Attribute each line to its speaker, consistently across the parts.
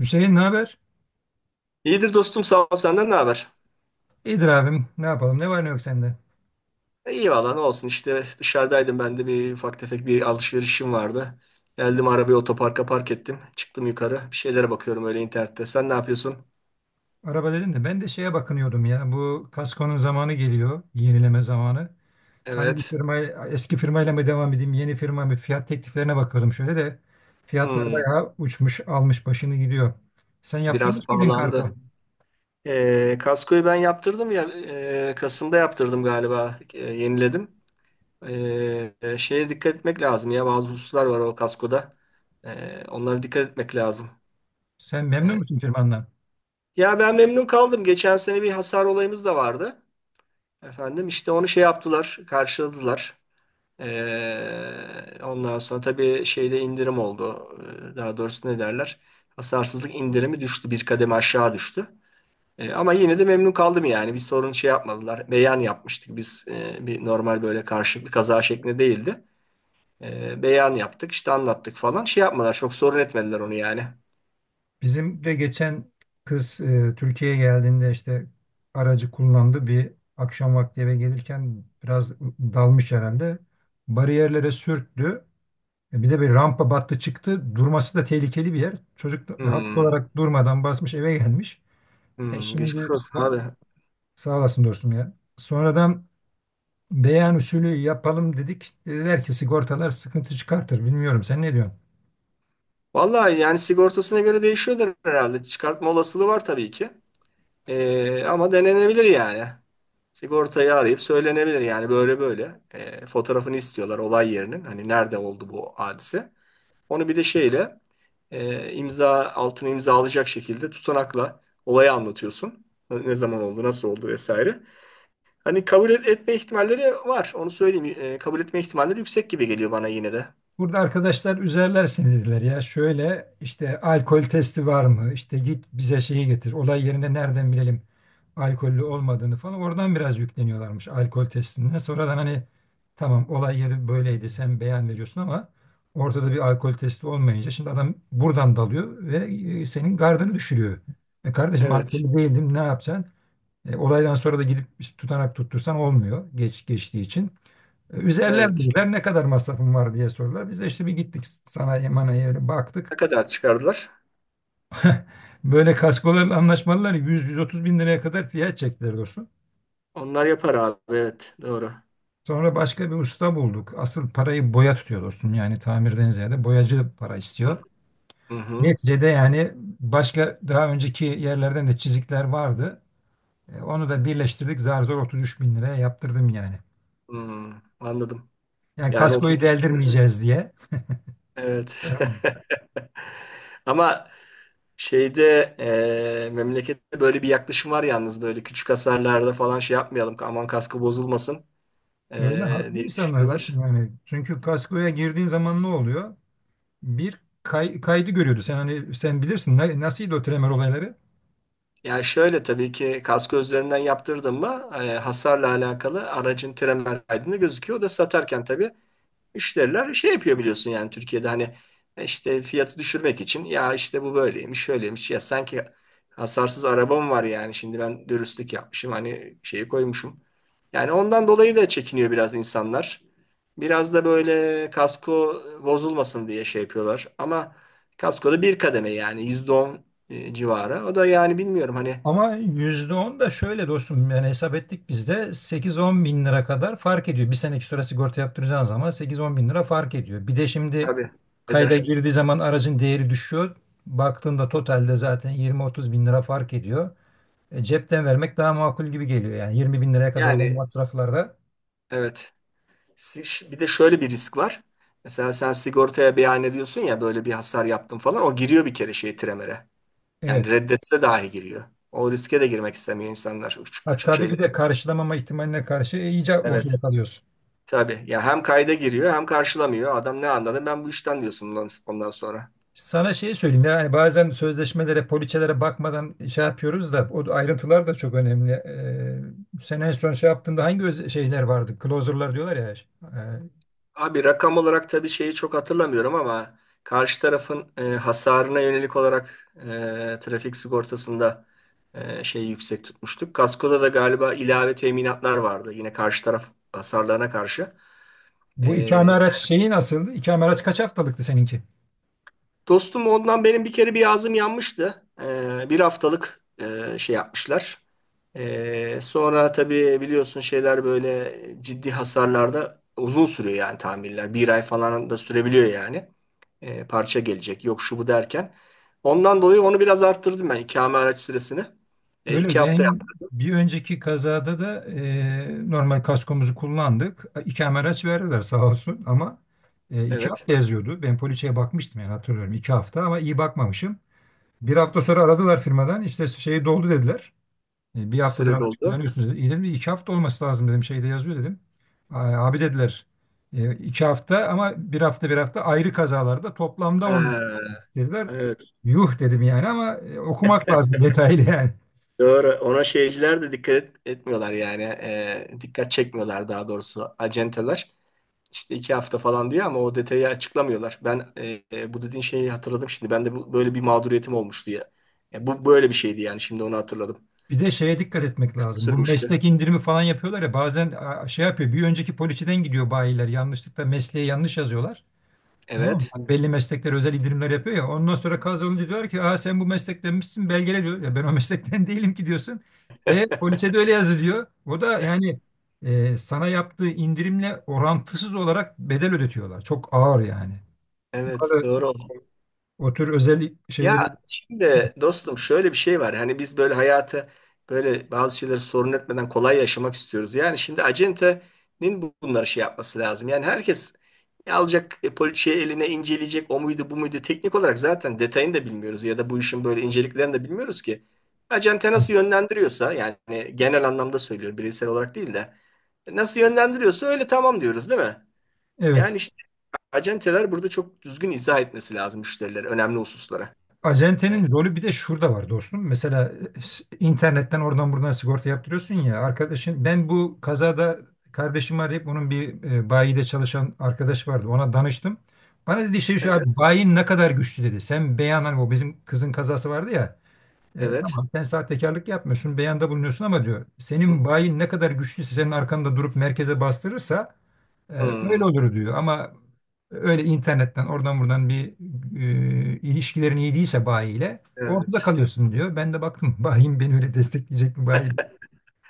Speaker 1: Hüseyin ne haber?
Speaker 2: İyidir dostum, sağ ol. Senden ne haber?
Speaker 1: İyidir abim. Ne yapalım? Ne var ne yok sende?
Speaker 2: İyi valla, ne olsun işte, dışarıdaydım ben de, bir ufak tefek bir alışverişim vardı. Geldim, arabayı otoparka park ettim. Çıktım yukarı, bir şeylere bakıyorum öyle internette. Sen ne yapıyorsun?
Speaker 1: Araba dedin de ben de şeye bakınıyordum ya. Bu kaskonun zamanı geliyor. Yenileme zamanı. Hangi
Speaker 2: Evet.
Speaker 1: firma eski firmayla mı devam edeyim? Yeni firma mı? Fiyat tekliflerine bakıyordum şöyle de. Fiyatlar
Speaker 2: Hmm,
Speaker 1: bayağı uçmuş, almış başını gidiyor. Sen
Speaker 2: biraz
Speaker 1: yaptırmış mıydın kargo?
Speaker 2: pahalandı. Kaskoyu ben yaptırdım ya, Kasım'da yaptırdım galiba, yeniledim. Şeye dikkat etmek lazım ya, bazı hususlar var o kaskoda. Onlara dikkat etmek lazım.
Speaker 1: Sen memnun
Speaker 2: E,
Speaker 1: musun firmandan?
Speaker 2: Ya ben memnun kaldım. Geçen sene bir hasar olayımız da vardı. Efendim işte onu şey yaptılar, karşıladılar. Ondan sonra tabii şeyde indirim oldu. Daha doğrusu ne derler? Hasarsızlık indirimi düştü, bir kademe aşağı düştü. Ama yine de memnun kaldım yani. Bir sorun şey yapmadılar. Beyan yapmıştık biz. Bir normal böyle karşılıklı kaza şeklinde değildi. Beyan yaptık, işte anlattık falan. Şey yapmadılar, çok sorun etmediler onu yani.
Speaker 1: Bizim de geçen kız Türkiye'ye geldiğinde işte aracı kullandı. Bir akşam vakti eve gelirken biraz dalmış herhalde. Bariyerlere sürttü. E, bir de bir rampa battı çıktı. Durması da tehlikeli bir yer. Çocuk da haklı
Speaker 2: Hmm,
Speaker 1: olarak durmadan basmış eve gelmiş. E
Speaker 2: hmm, geçmiş
Speaker 1: şimdi
Speaker 2: olsun
Speaker 1: son-
Speaker 2: abi.
Speaker 1: Sağ olasın dostum ya. Sonradan beyan usulü yapalım dedik. Dediler ki sigortalar sıkıntı çıkartır. Bilmiyorum sen ne diyorsun?
Speaker 2: Vallahi yani sigortasına göre değişiyordur herhalde. Çıkartma olasılığı var tabii ki. Ama denenebilir yani. Sigortayı arayıp söylenebilir yani, böyle böyle. Fotoğrafını istiyorlar olay yerinin. Hani nerede oldu bu hadise. Onu bir de şeyle imza altını imzalayacak şekilde tutanakla olayı anlatıyorsun. Ne zaman oldu, nasıl oldu vesaire. Hani etme ihtimalleri var. Onu söyleyeyim. Kabul etme ihtimalleri yüksek gibi geliyor bana yine de.
Speaker 1: Burada arkadaşlar üzerler seni dediler ya şöyle işte alkol testi var mı? İşte git bize şeyi getir. Olay yerinde nereden bilelim alkollü olmadığını falan. Oradan biraz yükleniyorlarmış alkol testinden. Sonradan hani tamam olay yeri böyleydi sen beyan veriyorsun ama ortada bir alkol testi olmayınca şimdi adam buradan dalıyor ve senin gardını düşürüyor. E kardeşim
Speaker 2: Evet.
Speaker 1: alkollü değildim ne yapacaksın? E, olaydan sonra da gidip işte, tutanak tuttursan olmuyor geç geçtiği için.
Speaker 2: Evet.
Speaker 1: Üzerlendiler ne kadar masrafın var diye sordular. Biz de işte bir gittik sanayi manaya
Speaker 2: Ne
Speaker 1: baktık.
Speaker 2: kadar çıkardılar?
Speaker 1: Böyle kaskolarla anlaşmalılar 100-130 bin liraya kadar fiyat çektiler dostum.
Speaker 2: Onlar yapar abi. Evet. Doğru.
Speaker 1: Sonra başka bir usta bulduk. Asıl parayı boya tutuyor dostum. Yani tamirden ziyade boyacı para istiyor.
Speaker 2: Hı hı.
Speaker 1: Neticede yani başka daha önceki yerlerden de çizikler vardı. E, onu da birleştirdik. Zar zor 33 bin liraya yaptırdım yani.
Speaker 2: Hı, anladım.
Speaker 1: Yani
Speaker 2: Yani 30
Speaker 1: kaskoyu
Speaker 2: yaşında,
Speaker 1: deldirmeyeceğiz diye.
Speaker 2: evet.
Speaker 1: Tamam.
Speaker 2: Ama şeyde memlekette böyle bir yaklaşım var yalnız, böyle küçük hasarlarda falan şey yapmayalım, aman kaskı bozulmasın
Speaker 1: Öyle haklı
Speaker 2: diye
Speaker 1: insanlar
Speaker 2: düşünüyorlar.
Speaker 1: dostum yani. Çünkü kaskoya girdiğin zaman ne oluyor? Bir kaydı görüyordu. Sen hani sen bilirsin nasılydı o tremer olayları.
Speaker 2: Yani şöyle, tabii ki kaskı üzerinden yaptırdın mı hasarla alakalı aracın tren kaydında gözüküyor. O da satarken tabii müşteriler şey yapıyor, biliyorsun yani, Türkiye'de hani işte fiyatı düşürmek için, ya işte bu böyleymiş şöyleymiş, ya sanki hasarsız arabam var, yani şimdi ben dürüstlük yapmışım, hani şeyi koymuşum. Yani ondan dolayı da çekiniyor biraz insanlar. Biraz da böyle kasko bozulmasın diye şey yapıyorlar ama kaskoda bir kademe, yani %10 civarı. O da yani bilmiyorum hani,
Speaker 1: Ama %10 da şöyle dostum yani hesap ettik biz de 8-10 bin lira kadar fark ediyor. Bir seneki süre sigorta yaptıracağın zaman 8-10 bin lira fark ediyor. Bir de şimdi
Speaker 2: tabii
Speaker 1: kayda
Speaker 2: eder.
Speaker 1: girdiği zaman aracın değeri düşüyor. Baktığında totalde zaten 20-30 bin lira fark ediyor. E, cepten vermek daha makul gibi geliyor yani 20 bin liraya kadar olan
Speaker 2: Yani
Speaker 1: masraflarda.
Speaker 2: evet. Si- Bir de şöyle bir risk var. Mesela sen sigortaya beyan ediyorsun ya, böyle bir hasar yaptım falan, o giriyor bir kere şey Tremer'e. Yani
Speaker 1: Evet.
Speaker 2: reddetse dahi giriyor. O riske de girmek istemiyor insanlar, küçük, küçük
Speaker 1: Hatta
Speaker 2: şeyler.
Speaker 1: bir de karşılamama ihtimaline karşı iyice
Speaker 2: Evet.
Speaker 1: ortada kalıyorsun.
Speaker 2: Tabii ya, hem kayda giriyor hem karşılamıyor. Adam ne anladı ben bu işten diyorsun ondan sonra.
Speaker 1: Sana şeyi söyleyeyim yani bazen sözleşmelere, poliçelere bakmadan şey yapıyoruz da o ayrıntılar da çok önemli. Sen en son şey yaptığında hangi şeyler vardı? Closer'lar diyorlar ya. Ee,
Speaker 2: Abi rakam olarak tabii şeyi çok hatırlamıyorum ama karşı tarafın hasarına yönelik olarak trafik sigortasında şeyi yüksek tutmuştuk. Kaskoda da galiba ilave teminatlar vardı yine, karşı taraf hasarlarına karşı.
Speaker 1: Bu ikame
Speaker 2: E,
Speaker 1: araç şeyi nasıl? İkame araç kaç haftalıktı seninki?
Speaker 2: Dostum ondan benim bir kere bir ağzım yanmıştı. Bir haftalık şey yapmışlar. Sonra tabii biliyorsun şeyler böyle ciddi hasarlarda uzun sürüyor yani, tamirler. Bir ay falan da sürebiliyor yani. Parça gelecek. Yok şu bu derken. Ondan dolayı onu biraz arttırdım ben, ikame araç süresini.
Speaker 1: Öyle.
Speaker 2: İki hafta
Speaker 1: Ben
Speaker 2: yaptım.
Speaker 1: bir önceki kazada da normal kaskomuzu kullandık. İkame araç verdiler sağ olsun ama iki
Speaker 2: Evet.
Speaker 1: hafta yazıyordu. Ben poliçeye bakmıştım yani hatırlıyorum 2 hafta ama iyi bakmamışım. Bir hafta sonra aradılar firmadan işte şey doldu dediler. E, bir haftadır
Speaker 2: Süre
Speaker 1: araç
Speaker 2: doldu.
Speaker 1: kullanıyorsunuz dedi. İyi dedim 2 hafta olması lazım dedim şeyde yazıyor dedim. "Ay, abi dediler 2 hafta ama bir hafta bir hafta ayrı kazalarda toplamda 10
Speaker 2: Ha,
Speaker 1: dediler."
Speaker 2: evet.
Speaker 1: Yuh dedim yani ama okumak lazım detaylı yani.
Speaker 2: Doğru. Ona şeyciler de etmiyorlar yani. Dikkat çekmiyorlar daha doğrusu, acenteler. İşte iki hafta falan diyor ama o detayı açıklamıyorlar. Ben bu dediğin şeyi hatırladım şimdi. Ben de bu, böyle bir mağduriyetim olmuştu ya. Ya bu böyle bir şeydi yani. Şimdi onu hatırladım.
Speaker 1: Bir de şeye dikkat etmek lazım. Bu
Speaker 2: Sürmüştü.
Speaker 1: meslek indirimi falan yapıyorlar ya bazen a, şey yapıyor bir önceki poliçeden gidiyor bayiler yanlışlıkla mesleği yanlış yazıyorlar. Tamam mı?
Speaker 2: Evet.
Speaker 1: Hani belli meslekler özel indirimler yapıyor ya. Ondan sonra kaz olunca diyor ki aa, sen bu meslektenmişsin belgele diyor. Ya ben o meslekten değilim ki diyorsun. E poliçe de öyle yazdı diyor. O da yani sana yaptığı indirimle orantısız olarak bedel ödetiyorlar. Çok ağır yani. O
Speaker 2: Evet.
Speaker 1: kadar
Speaker 2: Doğru.
Speaker 1: o tür özel
Speaker 2: Ya
Speaker 1: şeyleri
Speaker 2: şimdi dostum şöyle bir şey var. Hani biz böyle hayatı, böyle bazı şeyleri sorun etmeden kolay yaşamak istiyoruz. Yani şimdi acentenin bunları şey yapması lazım. Yani herkes alacak şey eline, inceleyecek o muydu bu muydu, teknik olarak zaten detayını da bilmiyoruz ya da bu işin böyle inceliklerini de bilmiyoruz ki. Acente nasıl yönlendiriyorsa yani, genel anlamda söylüyor bireysel olarak değil de, nasıl yönlendiriyorsa öyle tamam diyoruz, değil mi? Yani
Speaker 1: evet.
Speaker 2: işte acenteler burada çok düzgün izah etmesi lazım müşterilere, önemli hususlara. E,
Speaker 1: Acentenin rolü bir de şurada var dostum. Mesela internetten oradan buradan sigorta yaptırıyorsun ya arkadaşın ben bu kazada kardeşimi arayıp onun bir bayide çalışan arkadaş vardı. Ona danıştım. Bana dedi şey şu
Speaker 2: Evet,
Speaker 1: abi bayin ne kadar güçlü dedi. Sen beyan hani o bizim kızın kazası vardı ya. E,
Speaker 2: evet.
Speaker 1: tamam sen sahtekarlık yapmıyorsun beyanda bulunuyorsun ama diyor senin bayin ne kadar güçlüyse senin arkanda durup merkeze bastırırsa öyle
Speaker 2: Hmm,
Speaker 1: olur diyor ama öyle internetten oradan buradan bir ilişkilerin iyi değilse bayiyle ortada
Speaker 2: evet.
Speaker 1: kalıyorsun diyor. Ben de baktım bayim beni öyle destekleyecek mi bayi?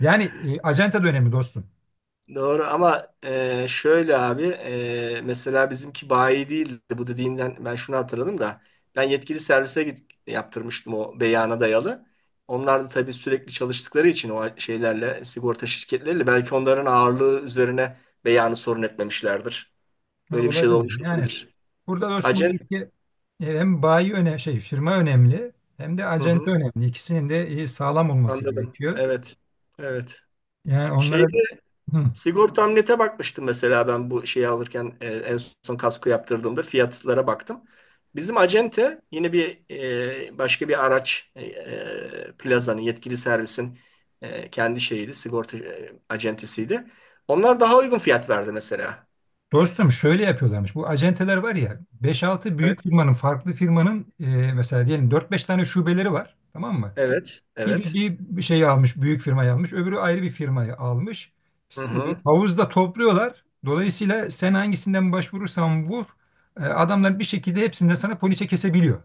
Speaker 1: Yani acenta da önemli dostum.
Speaker 2: Doğru ama şöyle abi, mesela bizimki bayi değildi, bu dediğinden ben şunu hatırladım da, ben yetkili servise git, yaptırmıştım o beyana dayalı. Onlar da tabii sürekli çalıştıkları için o şeylerle, sigorta şirketleriyle, belki onların ağırlığı üzerine beyanı sorun etmemişlerdir.
Speaker 1: Ha,
Speaker 2: Böyle bir şey de olmuş
Speaker 1: olabilir. Yani
Speaker 2: olabilir.
Speaker 1: burada dostum
Speaker 2: Acen,
Speaker 1: diyor ki, hem bayi önemli şey firma önemli hem de
Speaker 2: hı
Speaker 1: acenta
Speaker 2: hı,
Speaker 1: önemli. İkisinin de sağlam olması
Speaker 2: anladım.
Speaker 1: gerekiyor.
Speaker 2: Evet, evet.
Speaker 1: Yani
Speaker 2: Şey
Speaker 1: onlara.
Speaker 2: Sigorta Amlet'e bakmıştım mesela ben bu şeyi alırken, en son kasko yaptırdığımda fiyatlara baktım. Bizim acente yine bir başka bir araç plazanın yetkili servisin kendi şeyiydi, sigorta acentesiydi. Onlar daha uygun fiyat verdi mesela.
Speaker 1: Dostum şöyle yapıyorlarmış. Bu acenteler var ya beş-altı
Speaker 2: Evet.
Speaker 1: büyük firmanın farklı firmanın mesela diyelim dört-beş tane şubeleri var. Tamam mı?
Speaker 2: Evet,
Speaker 1: Biri
Speaker 2: evet.
Speaker 1: bir, bir şeyi almış büyük firmayı almış öbürü ayrı bir firmayı almış.
Speaker 2: Hı hı,
Speaker 1: Havuzda topluyorlar. Dolayısıyla sen hangisinden başvurursan vur adamlar bir şekilde hepsinden sana poliçe kesebiliyor.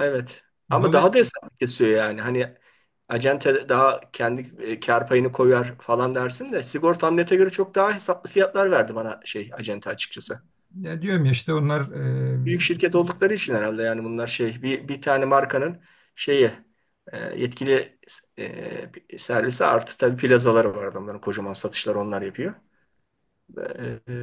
Speaker 2: evet. Ama daha da
Speaker 1: Dolayısıyla
Speaker 2: hesap kesiyor yani. Hani acente daha kendi kar payını koyar falan dersin, de sigorta amlete göre çok daha hesaplı fiyatlar verdi bana şey acente, açıkçası.
Speaker 1: diyorum ya işte onlar e,
Speaker 2: Büyük şirket oldukları için herhalde yani, bunlar şey bir, bir tane markanın şeyi, yetkili servisi, artı tabii plazaları var adamların, kocaman satışları onlar yapıyor. E,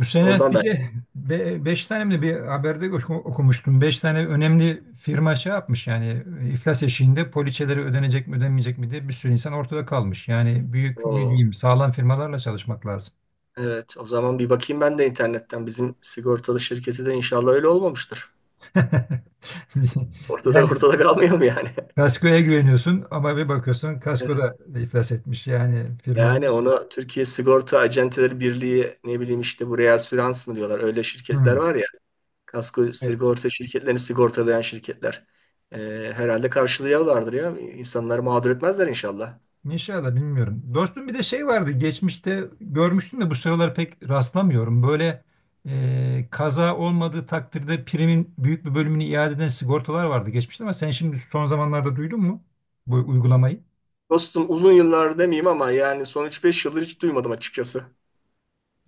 Speaker 1: bu sene
Speaker 2: Oradan
Speaker 1: bir
Speaker 2: belki
Speaker 1: de beş tane mi de bir haberde okumuştum. Beş tane önemli firma şey yapmış yani iflas eşiğinde poliçeleri ödenecek mi ödenmeyecek mi diye bir sürü insan ortada kalmış. Yani büyük mü
Speaker 2: o,
Speaker 1: diyeyim sağlam firmalarla çalışmak lazım.
Speaker 2: evet o zaman bir bakayım ben de internetten bizim sigortalı şirketi, de inşallah öyle olmamıştır. Ortada
Speaker 1: Yani
Speaker 2: ortada kalmayalım yani.
Speaker 1: kaskoya güveniyorsun ama bir bakıyorsun kasko
Speaker 2: Evet.
Speaker 1: da iflas etmiş yani firmalar.
Speaker 2: Yani onu Türkiye Sigorta Acenteleri Birliği, ne bileyim işte buraya reasürans mı diyorlar, öyle şirketler
Speaker 1: Hı.
Speaker 2: var ya, kasko sigorta şirketlerini sigortalayan şirketler. E, Herhalde karşılıyorlardır ya. İnsanları mağdur etmezler inşallah.
Speaker 1: İnşallah bilmiyorum. Dostum bir de şey vardı geçmişte görmüştüm de bu sıralar pek rastlamıyorum. Böyle kaza olmadığı takdirde primin büyük bir bölümünü iade eden sigortalar vardı geçmişte ama sen şimdi son zamanlarda duydun mu bu uygulamayı?
Speaker 2: Dostum uzun yıllar demeyeyim ama yani son üç beş yıldır hiç duymadım açıkçası.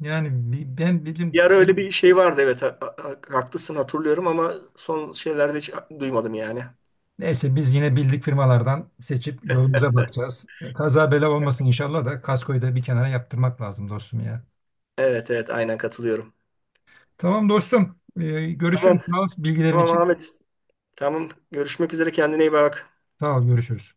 Speaker 1: Yani ben
Speaker 2: Bir
Speaker 1: bizim
Speaker 2: ara öyle bir şey vardı, evet, haklısın, hatırlıyorum ama son şeylerde hiç duymadım yani.
Speaker 1: neyse biz yine bildik firmalardan seçip yolumuza bakacağız. Kaza bela olmasın inşallah da kaskoyu da bir kenara yaptırmak lazım dostum ya.
Speaker 2: Evet evet, aynen katılıyorum.
Speaker 1: Tamam dostum. E,
Speaker 2: Tamam,
Speaker 1: görüşürüz. Sağ ol bilgilerin
Speaker 2: tamam
Speaker 1: için.
Speaker 2: Ahmet. Tamam, görüşmek üzere, kendine iyi bak.
Speaker 1: Sağ ol görüşürüz.